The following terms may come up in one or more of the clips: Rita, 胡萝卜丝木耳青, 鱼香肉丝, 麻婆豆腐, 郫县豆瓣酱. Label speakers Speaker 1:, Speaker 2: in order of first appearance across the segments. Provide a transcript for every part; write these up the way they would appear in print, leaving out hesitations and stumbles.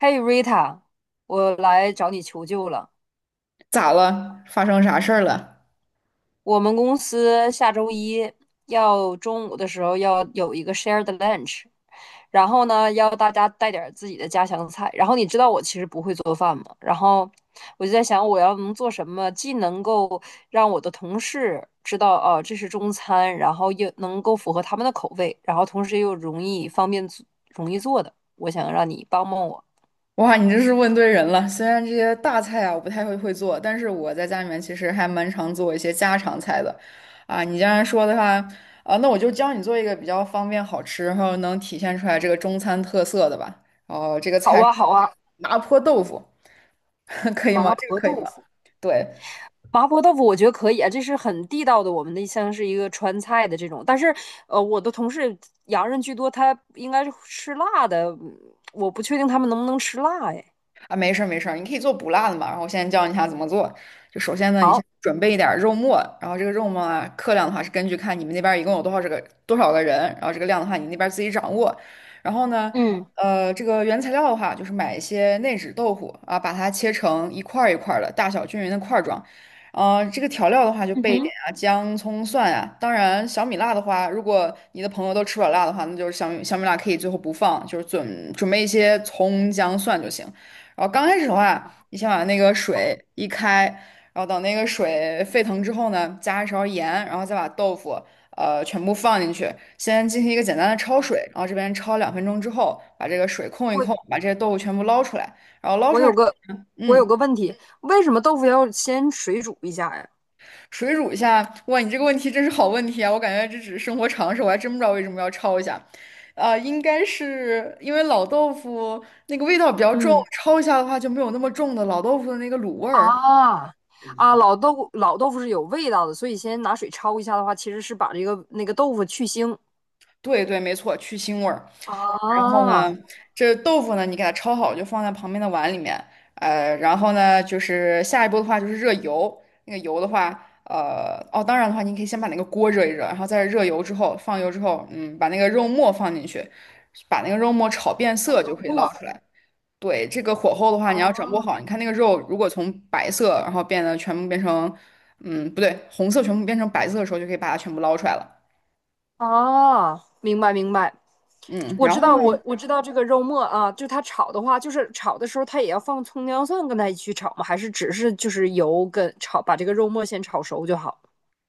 Speaker 1: 嘿，Rita，我来找你求救了。
Speaker 2: 咋了？发生啥事儿了？
Speaker 1: 我们公司下周一要中午的时候要有一个 shared lunch，然后呢，要大家带点儿自己的家乡菜。然后你知道我其实不会做饭嘛，然后我就在想，我要能做什么，既能够让我的同事知道哦，这是中餐，然后又能够符合他们的口味，然后同时又容易方便做容易做的。我想让你帮帮我。
Speaker 2: 哇，你这是问对人了。虽然这些大菜啊，我不太会做，但是我在家里面其实还蛮常做一些家常菜的。啊，你既然说的话，啊，那我就教你做一个比较方便好吃，然后能体现出来这个中餐特色的吧。哦，这个
Speaker 1: 好
Speaker 2: 菜是
Speaker 1: 啊，好啊，
Speaker 2: 麻婆豆腐，可以吗？
Speaker 1: 麻
Speaker 2: 这个
Speaker 1: 婆
Speaker 2: 可以
Speaker 1: 豆
Speaker 2: 吗？
Speaker 1: 腐。
Speaker 2: 对，
Speaker 1: 麻婆豆腐我觉得可以啊，这是很地道的，我们的像是一个川菜的这种。但是，我的同事洋人居多，他应该是吃辣的，我不确定他们能不能吃辣。哎，
Speaker 2: 啊，没事儿没事儿，你可以做不辣的嘛。然后我现在教你一下怎么做。就首先呢，你先
Speaker 1: 好，
Speaker 2: 准备一点儿肉末，然后这个肉末啊，克量的话是根据看你们那边儿一共有多少这个多少个人，然后这个量的话你那边儿自己掌握。然后呢，
Speaker 1: 嗯
Speaker 2: 这个原材料的话就是买一些内酯豆腐啊，把它切成一块儿一块儿的，大小均匀的块儿状。这个调料的话就
Speaker 1: 嗯
Speaker 2: 备一点
Speaker 1: 哼，
Speaker 2: 啊，姜、葱、蒜啊。当然，小米辣的话，如果你的朋友都吃不了辣的话，那就是小米辣可以最后不放，就是准备一些葱、姜、蒜就行。然后刚开始的话，你先把那个水一开，然后等那个水沸腾之后呢，加一勺盐，然后再把豆腐全部放进去，先进行一个简单的焯水，然后这边焯2分钟之后，把这个水控一
Speaker 1: 我
Speaker 2: 控，把这些豆腐全部捞出来，然后捞
Speaker 1: 我
Speaker 2: 出来之后呢，
Speaker 1: 有
Speaker 2: 嗯，
Speaker 1: 个问题，为什么豆腐要先水煮一下呀？
Speaker 2: 水煮一下。哇，你这个问题真是好问题啊！我感觉这只是生活常识，我还真不知道为什么要焯一下。应该是因为老豆腐那个味道比较重，
Speaker 1: 嗯，
Speaker 2: 焯一下的话就没有那么重的老豆腐的那个卤味儿。
Speaker 1: 啊啊，老豆腐是有味道的，所以先拿水焯一下的话，其实是把那个豆腐去腥。
Speaker 2: 对对，没错，去腥味儿。然后
Speaker 1: 啊，
Speaker 2: 呢，这豆腐呢，你给它焯好，就放在旁边的碗里面。然后呢，就是下一步的话就是热油。那个油的话，当然的话，你可以先把那个锅热一热，然后再热油之后，放油之后，把那个肉末放进去，把那个肉末炒变
Speaker 1: 好
Speaker 2: 色就
Speaker 1: 漏
Speaker 2: 可以
Speaker 1: 洞
Speaker 2: 捞
Speaker 1: 啊
Speaker 2: 出来。对，这个火候的话，你要掌握好。
Speaker 1: 啊
Speaker 2: 你看那个肉，如果从白色，然后变得全部变成，嗯，不对，红色全部变成白色的时候，就可以把它全部捞出来了。
Speaker 1: 哦，明白明白，
Speaker 2: 嗯，
Speaker 1: 我
Speaker 2: 然
Speaker 1: 知
Speaker 2: 后
Speaker 1: 道
Speaker 2: 呢？
Speaker 1: 我我知道这个肉末啊，就它炒的话，就是炒的时候它也要放葱姜蒜跟它一起炒吗？还是只是就是油跟炒，把这个肉末先炒熟就好？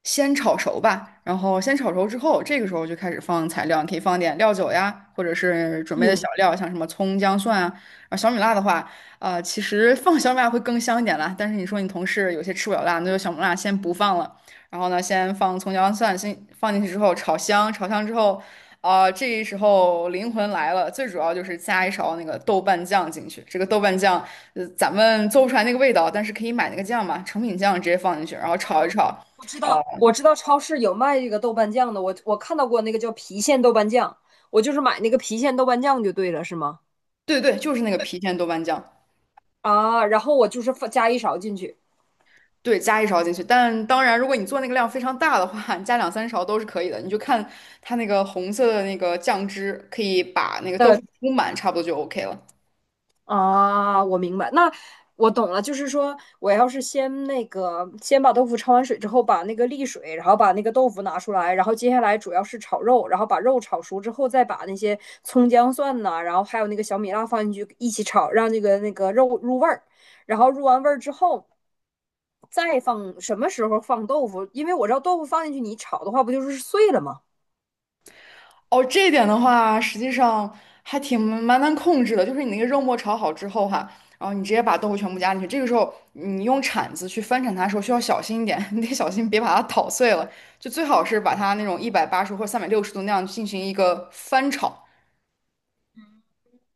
Speaker 2: 先炒熟吧，然后先炒熟之后，这个时候就开始放材料，你可以放点料酒呀，或者是准备的小
Speaker 1: 嗯，
Speaker 2: 料，像什么葱、姜、蒜啊。啊，小米辣的话，其实放小米辣会更香一点啦。但是你说你同事有些吃不了辣，那就小米辣先不放了。然后呢，先放葱、姜、蒜，先放进去之后炒香，炒香之后，啊、这时候灵魂来了，最主要就是加一勺那个豆瓣酱进去。这个豆瓣酱，咱们做不出来那个味道，但是可以买那个酱嘛，成品酱直接放进去，然后炒一炒。
Speaker 1: 我知
Speaker 2: 呃
Speaker 1: 道，我知道超市有卖这个豆瓣酱的，我看到过那个叫郫县豆瓣酱，我就是买那个郫县豆瓣酱就对了，是吗？
Speaker 2: 对对，就是那个郫县豆瓣酱，
Speaker 1: 啊，然后我就是放加一勺进去。
Speaker 2: 对，加一勺进去。但当然，如果你做那个量非常大的话，你加两三勺都是可以的。你就看它那个红色的那个酱汁，可以把那个豆腐铺满，差不多就 OK 了。
Speaker 1: 啊，我明白，那我懂了，就是说我要是先那个先把豆腐焯完水之后，把那个沥水，然后把那个豆腐拿出来，然后接下来主要是炒肉，然后把肉炒熟之后，再把那些葱姜蒜呐，然后还有那个小米辣放进去一起炒，让那个肉入味儿，然后入完味儿之后。再放什么时候放豆腐？因为我知道豆腐放进去你炒的话，不就是碎了吗？
Speaker 2: 哦，这一点的话，实际上还挺蛮难控制的。就是你那个肉末炒好之后哈，然后你直接把豆腐全部加进去。这个时候，你用铲子去翻铲它的时候，需要小心一点，你得小心别把它捣碎了。就最好是把它那种180或360度那样进行一个翻炒。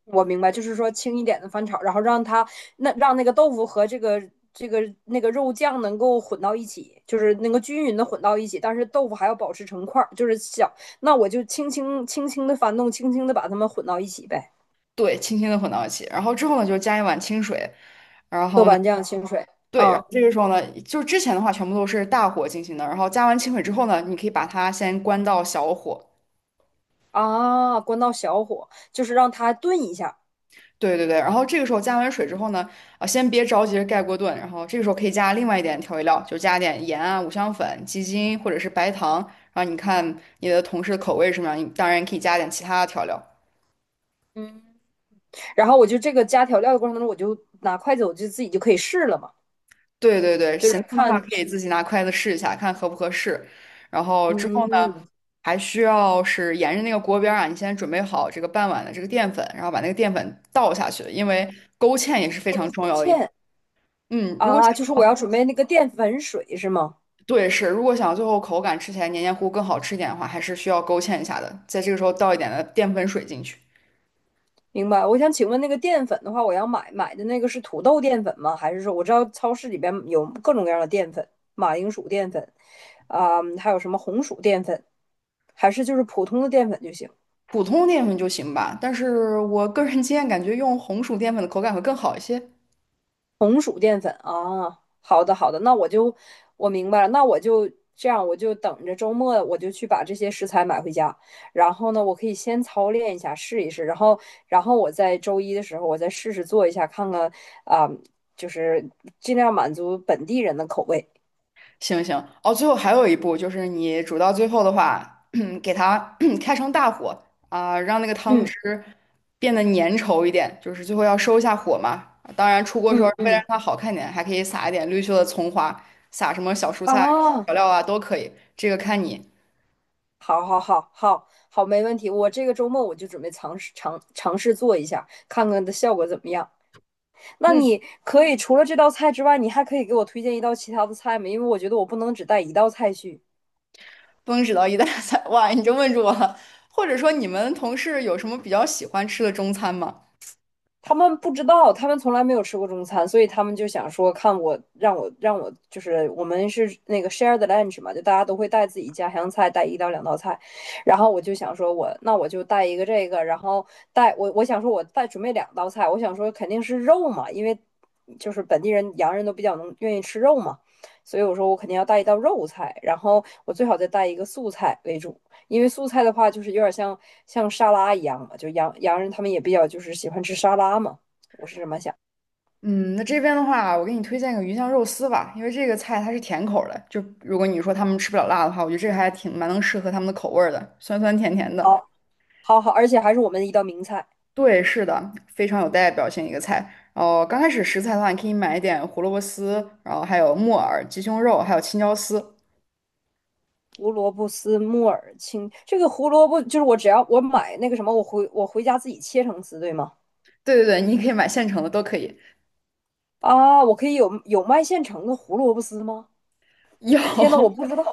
Speaker 1: 我明白，就是说轻一点的翻炒，然后让它那让那个豆腐和这个那个肉酱能够混到一起，就是能够均匀的混到一起，但是豆腐还要保持成块儿，就是小。那我就轻轻的翻动，轻轻的把它们混到一起呗。
Speaker 2: 对，轻轻的混到一起，然后之后呢，就加一碗清水，然
Speaker 1: 豆
Speaker 2: 后呢，
Speaker 1: 瓣酱、清水，
Speaker 2: 对，然
Speaker 1: 嗯
Speaker 2: 后这个时候呢，就是之前的话全部都是大火进行的，然后加完清水之后呢，你可以把它先关到小火，
Speaker 1: 啊，关到小火，就是让它炖一下，
Speaker 2: 对对对，然后这个时候加完水之后呢，啊，先别着急着盖锅炖，然后这个时候可以加另外一点调味料，就加点盐啊、五香粉、鸡精或者是白糖，然后你看你的同事的口味是什么样，你当然可以加点其他的调料，
Speaker 1: 嗯。然后我就这个加调料的过程当中，我就拿筷子，我就自己就可以试了嘛，
Speaker 2: 对对对，
Speaker 1: 就
Speaker 2: 咸
Speaker 1: 是
Speaker 2: 淡的话
Speaker 1: 看
Speaker 2: 可以
Speaker 1: 去
Speaker 2: 自己拿筷子试一下，看合不合适，然后之后呢。
Speaker 1: 嗯，
Speaker 2: 还需要是沿着那个锅边儿啊，你先准备好这个半碗的这个淀粉，然后把那个淀粉倒下去，因为勾芡也是非常重要的一步。
Speaker 1: 芡
Speaker 2: 嗯，如果
Speaker 1: 啊，就
Speaker 2: 想，
Speaker 1: 是我要准备那个淀粉水是吗？
Speaker 2: 对，是，如果想最后口感吃起来黏黏糊更好吃一点的话，还是需要勾芡一下的，在这个时候倒一点的淀粉水进去，
Speaker 1: 明白。我想请问，那个淀粉的话，我要买的那个是土豆淀粉吗？还是说我知道超市里边有各种各样的淀粉，马铃薯淀粉啊、还有什么红薯淀粉，还是就是普通的淀粉就行？
Speaker 2: 普通淀粉就行吧。但是我个人经验感觉用红薯淀粉的口感会更好一些。
Speaker 1: 红薯淀粉啊，好的好的，那我就我明白了，那我就这样，我就等着周末我就去把这些食材买回家，然后呢，我可以先操练一下试一试，然后然后我在周一的时候我再试试做一下，看看啊、就是尽量满足本地人的口味。
Speaker 2: 行行哦，最后还有一步就是你煮到最后的话，给它 开成大火啊，让那个汤
Speaker 1: 嗯
Speaker 2: 汁变得粘稠一点，就是最后要收一下火嘛。当然出锅时候
Speaker 1: 嗯
Speaker 2: 为了让
Speaker 1: 嗯，
Speaker 2: 它好看点，还可以撒一点绿色的葱花，撒什么小蔬菜
Speaker 1: 啊，
Speaker 2: 调料啊都可以，这个看你。
Speaker 1: 好好好好好，没问题，我这个周末我就准备尝试做一下，看看的效果怎么样。那
Speaker 2: 嗯，
Speaker 1: 你可以除了这道菜之外，你还可以给我推荐一道其他的菜吗？因为我觉得我不能只带一道菜去。
Speaker 2: 不能只到一大菜，哇，你就问住我了。或者说你们同事有什么比较喜欢吃的中餐吗？
Speaker 1: 他们不知道，他们从来没有吃过中餐，所以他们就想说，看我，让我，让我，就是我们是那个 share the lunch 嘛，就大家都会带自己家乡菜，带一到两道菜，然后我就想说我，我那我就带一个这个，然后带我，我想说我带准备两道菜，我想说肯定是肉嘛，因为就是本地人洋人都比较能愿意吃肉嘛，所以我说我肯定要带一道肉菜，然后我最好再带一个素菜为主。因为素菜的话，就是有点像像沙拉一样嘛，就洋人他们也比较就是喜欢吃沙拉嘛，我是这么想。
Speaker 2: 嗯，那这边的话，我给你推荐个鱼香肉丝吧，因为这个菜它是甜口儿的，就如果你说他们吃不了辣的话，我觉得这个还挺蛮能适合他们的口味儿的，酸酸甜甜的。
Speaker 1: 好，好，好，而且还是我们的一道名菜——
Speaker 2: 对，是的，非常有代表性一个菜。然后刚开始食材的话，你可以买一点胡萝卜丝，然后还有木耳、鸡胸肉，还有青椒丝。
Speaker 1: 胡萝卜丝木耳青。这个胡萝卜就是我只要我买那个什么，我回家自己切成丝，对吗？
Speaker 2: 对对对，你可以买现成的都可以。
Speaker 1: 啊，我可以有卖现成的胡萝卜丝吗？
Speaker 2: 有，
Speaker 1: 天呐，我不知道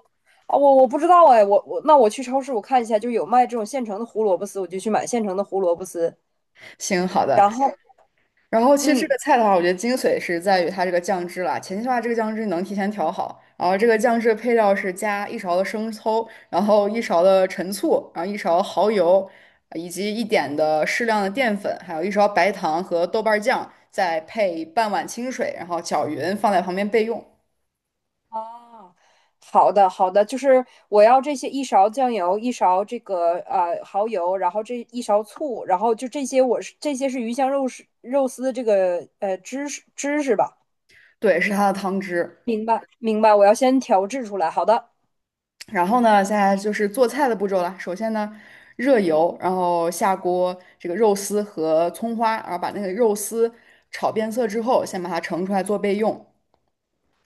Speaker 1: 啊，我不知道哎，我那我去超市我看一下，就有卖这种现成的胡萝卜丝，我就去买现成的胡萝卜丝，
Speaker 2: 行，好的。
Speaker 1: 然后
Speaker 2: 然后其实这
Speaker 1: 嗯。
Speaker 2: 个菜的话，我觉得精髓是在于它这个酱汁啦。前期的话，这个酱汁能提前调好，然后这个酱汁的配料是加一勺的生抽，然后一勺的陈醋，然后一勺蚝油，以及一点的适量的淀粉，还有一勺白糖和豆瓣儿酱，再配半碗清水，然后搅匀，放在旁边备用。
Speaker 1: 哦，好的好的，就是我要这些一勺酱油，一勺这个蚝油，然后这一勺醋，然后就这些我是这些是鱼香肉丝的这个知识吧？
Speaker 2: 对，是它的汤汁。
Speaker 1: 明白明白，我要先调制出来。好的，
Speaker 2: 然后呢，现在就是做菜的步骤了。首先呢，热油，然后下锅这个肉丝和葱花，然后把那个肉丝炒变色之后，先把它盛出来做备用。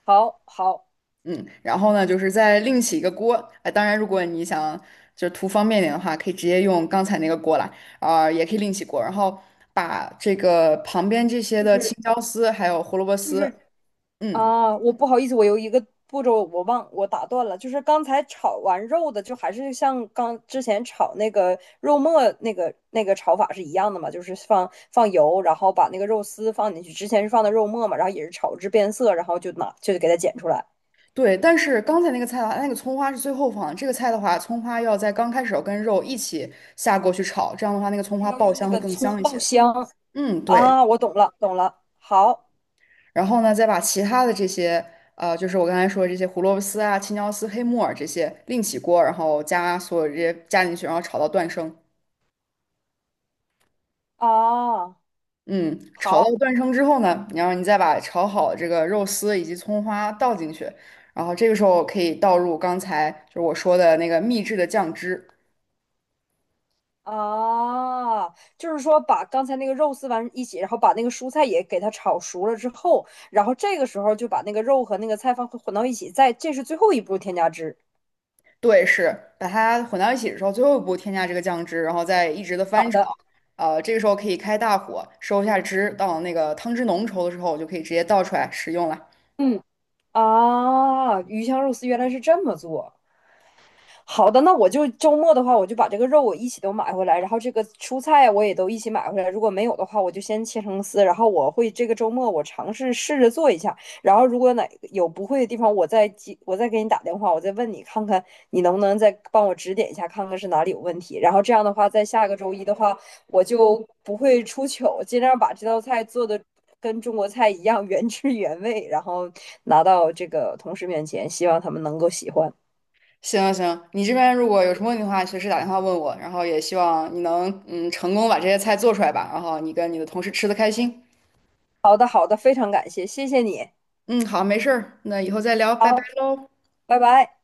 Speaker 1: 好好，
Speaker 2: 嗯，然后呢，就是再另起一个锅。当然，如果你想就图方便点的话，可以直接用刚才那个锅啦，啊、也可以另起锅。然后把这个旁边这些
Speaker 1: 就
Speaker 2: 的青
Speaker 1: 是
Speaker 2: 椒丝还有胡萝卜
Speaker 1: 就
Speaker 2: 丝，
Speaker 1: 是
Speaker 2: 嗯。
Speaker 1: 啊，我不好意思，我有一个步骤我打断了，就是刚才炒完肉的，就还是像刚之前炒那个肉末那个炒法是一样的嘛，就是放油，然后把那个肉丝放进去，之前是放的肉末嘛，然后也是炒至变色，然后就拿就给它剪出来，
Speaker 2: 对，但是刚才那个菜的话，那个葱花是最后放的。这个菜的话，葱花要在刚开始要跟肉一起下锅去炒，这样的话那个葱花
Speaker 1: 要
Speaker 2: 爆
Speaker 1: 用那
Speaker 2: 香会
Speaker 1: 个
Speaker 2: 更
Speaker 1: 葱
Speaker 2: 香一
Speaker 1: 爆
Speaker 2: 些。
Speaker 1: 香
Speaker 2: 嗯，对。
Speaker 1: 啊，我懂了，好
Speaker 2: 然后呢，再把其他的这些，就是我刚才说的这些胡萝卜丝啊、青椒丝、黑木耳这些另起锅，然后加所有这些加进去，然后炒到断生。
Speaker 1: 啊，
Speaker 2: 嗯，炒到
Speaker 1: 好。
Speaker 2: 断生之后呢，然后你再把炒好的这个肉丝以及葱花倒进去，然后这个时候可以倒入刚才就是我说的那个秘制的酱汁。
Speaker 1: 啊，就是说把刚才那个肉丝完一起，然后把那个蔬菜也给它炒熟了之后，然后这个时候就把那个肉和那个菜放混到一起，再这是最后一步添加汁。
Speaker 2: 对，是把它混到一起的时候，最后一步添加这个酱汁，然后再一直的
Speaker 1: 好
Speaker 2: 翻炒。
Speaker 1: 的，
Speaker 2: 这个时候可以开大火收一下汁，到那个汤汁浓稠的时候，我就可以直接倒出来食用了。
Speaker 1: 嗯，啊，鱼香肉丝原来是这么做。好的，那我就周末的话，我就把这个肉我一起都买回来，然后这个蔬菜我也都一起买回来。如果没有的话，我就先切成丝，然后我会这个周末我尝试试着做一下。然后如果哪有不会的地方，我再记，我再给你打电话，我再问你看看你能不能再帮我指点一下，看看是哪里有问题。然后这样的话，在下个周一的话，我就不会出糗，尽量把这道菜做的跟中国菜一样原汁原味，然后拿到这个同事面前，希望他们能够喜欢。
Speaker 2: 行行，你这边如果有什么问题的话，随时打电话问我。然后也希望你能成功把这些菜做出来吧，然后你跟你的同事吃的开心。
Speaker 1: 好的，好的，非常感谢，谢谢你。
Speaker 2: 嗯，好，没事儿，那以后再聊，拜拜
Speaker 1: 好，
Speaker 2: 喽。
Speaker 1: 拜拜。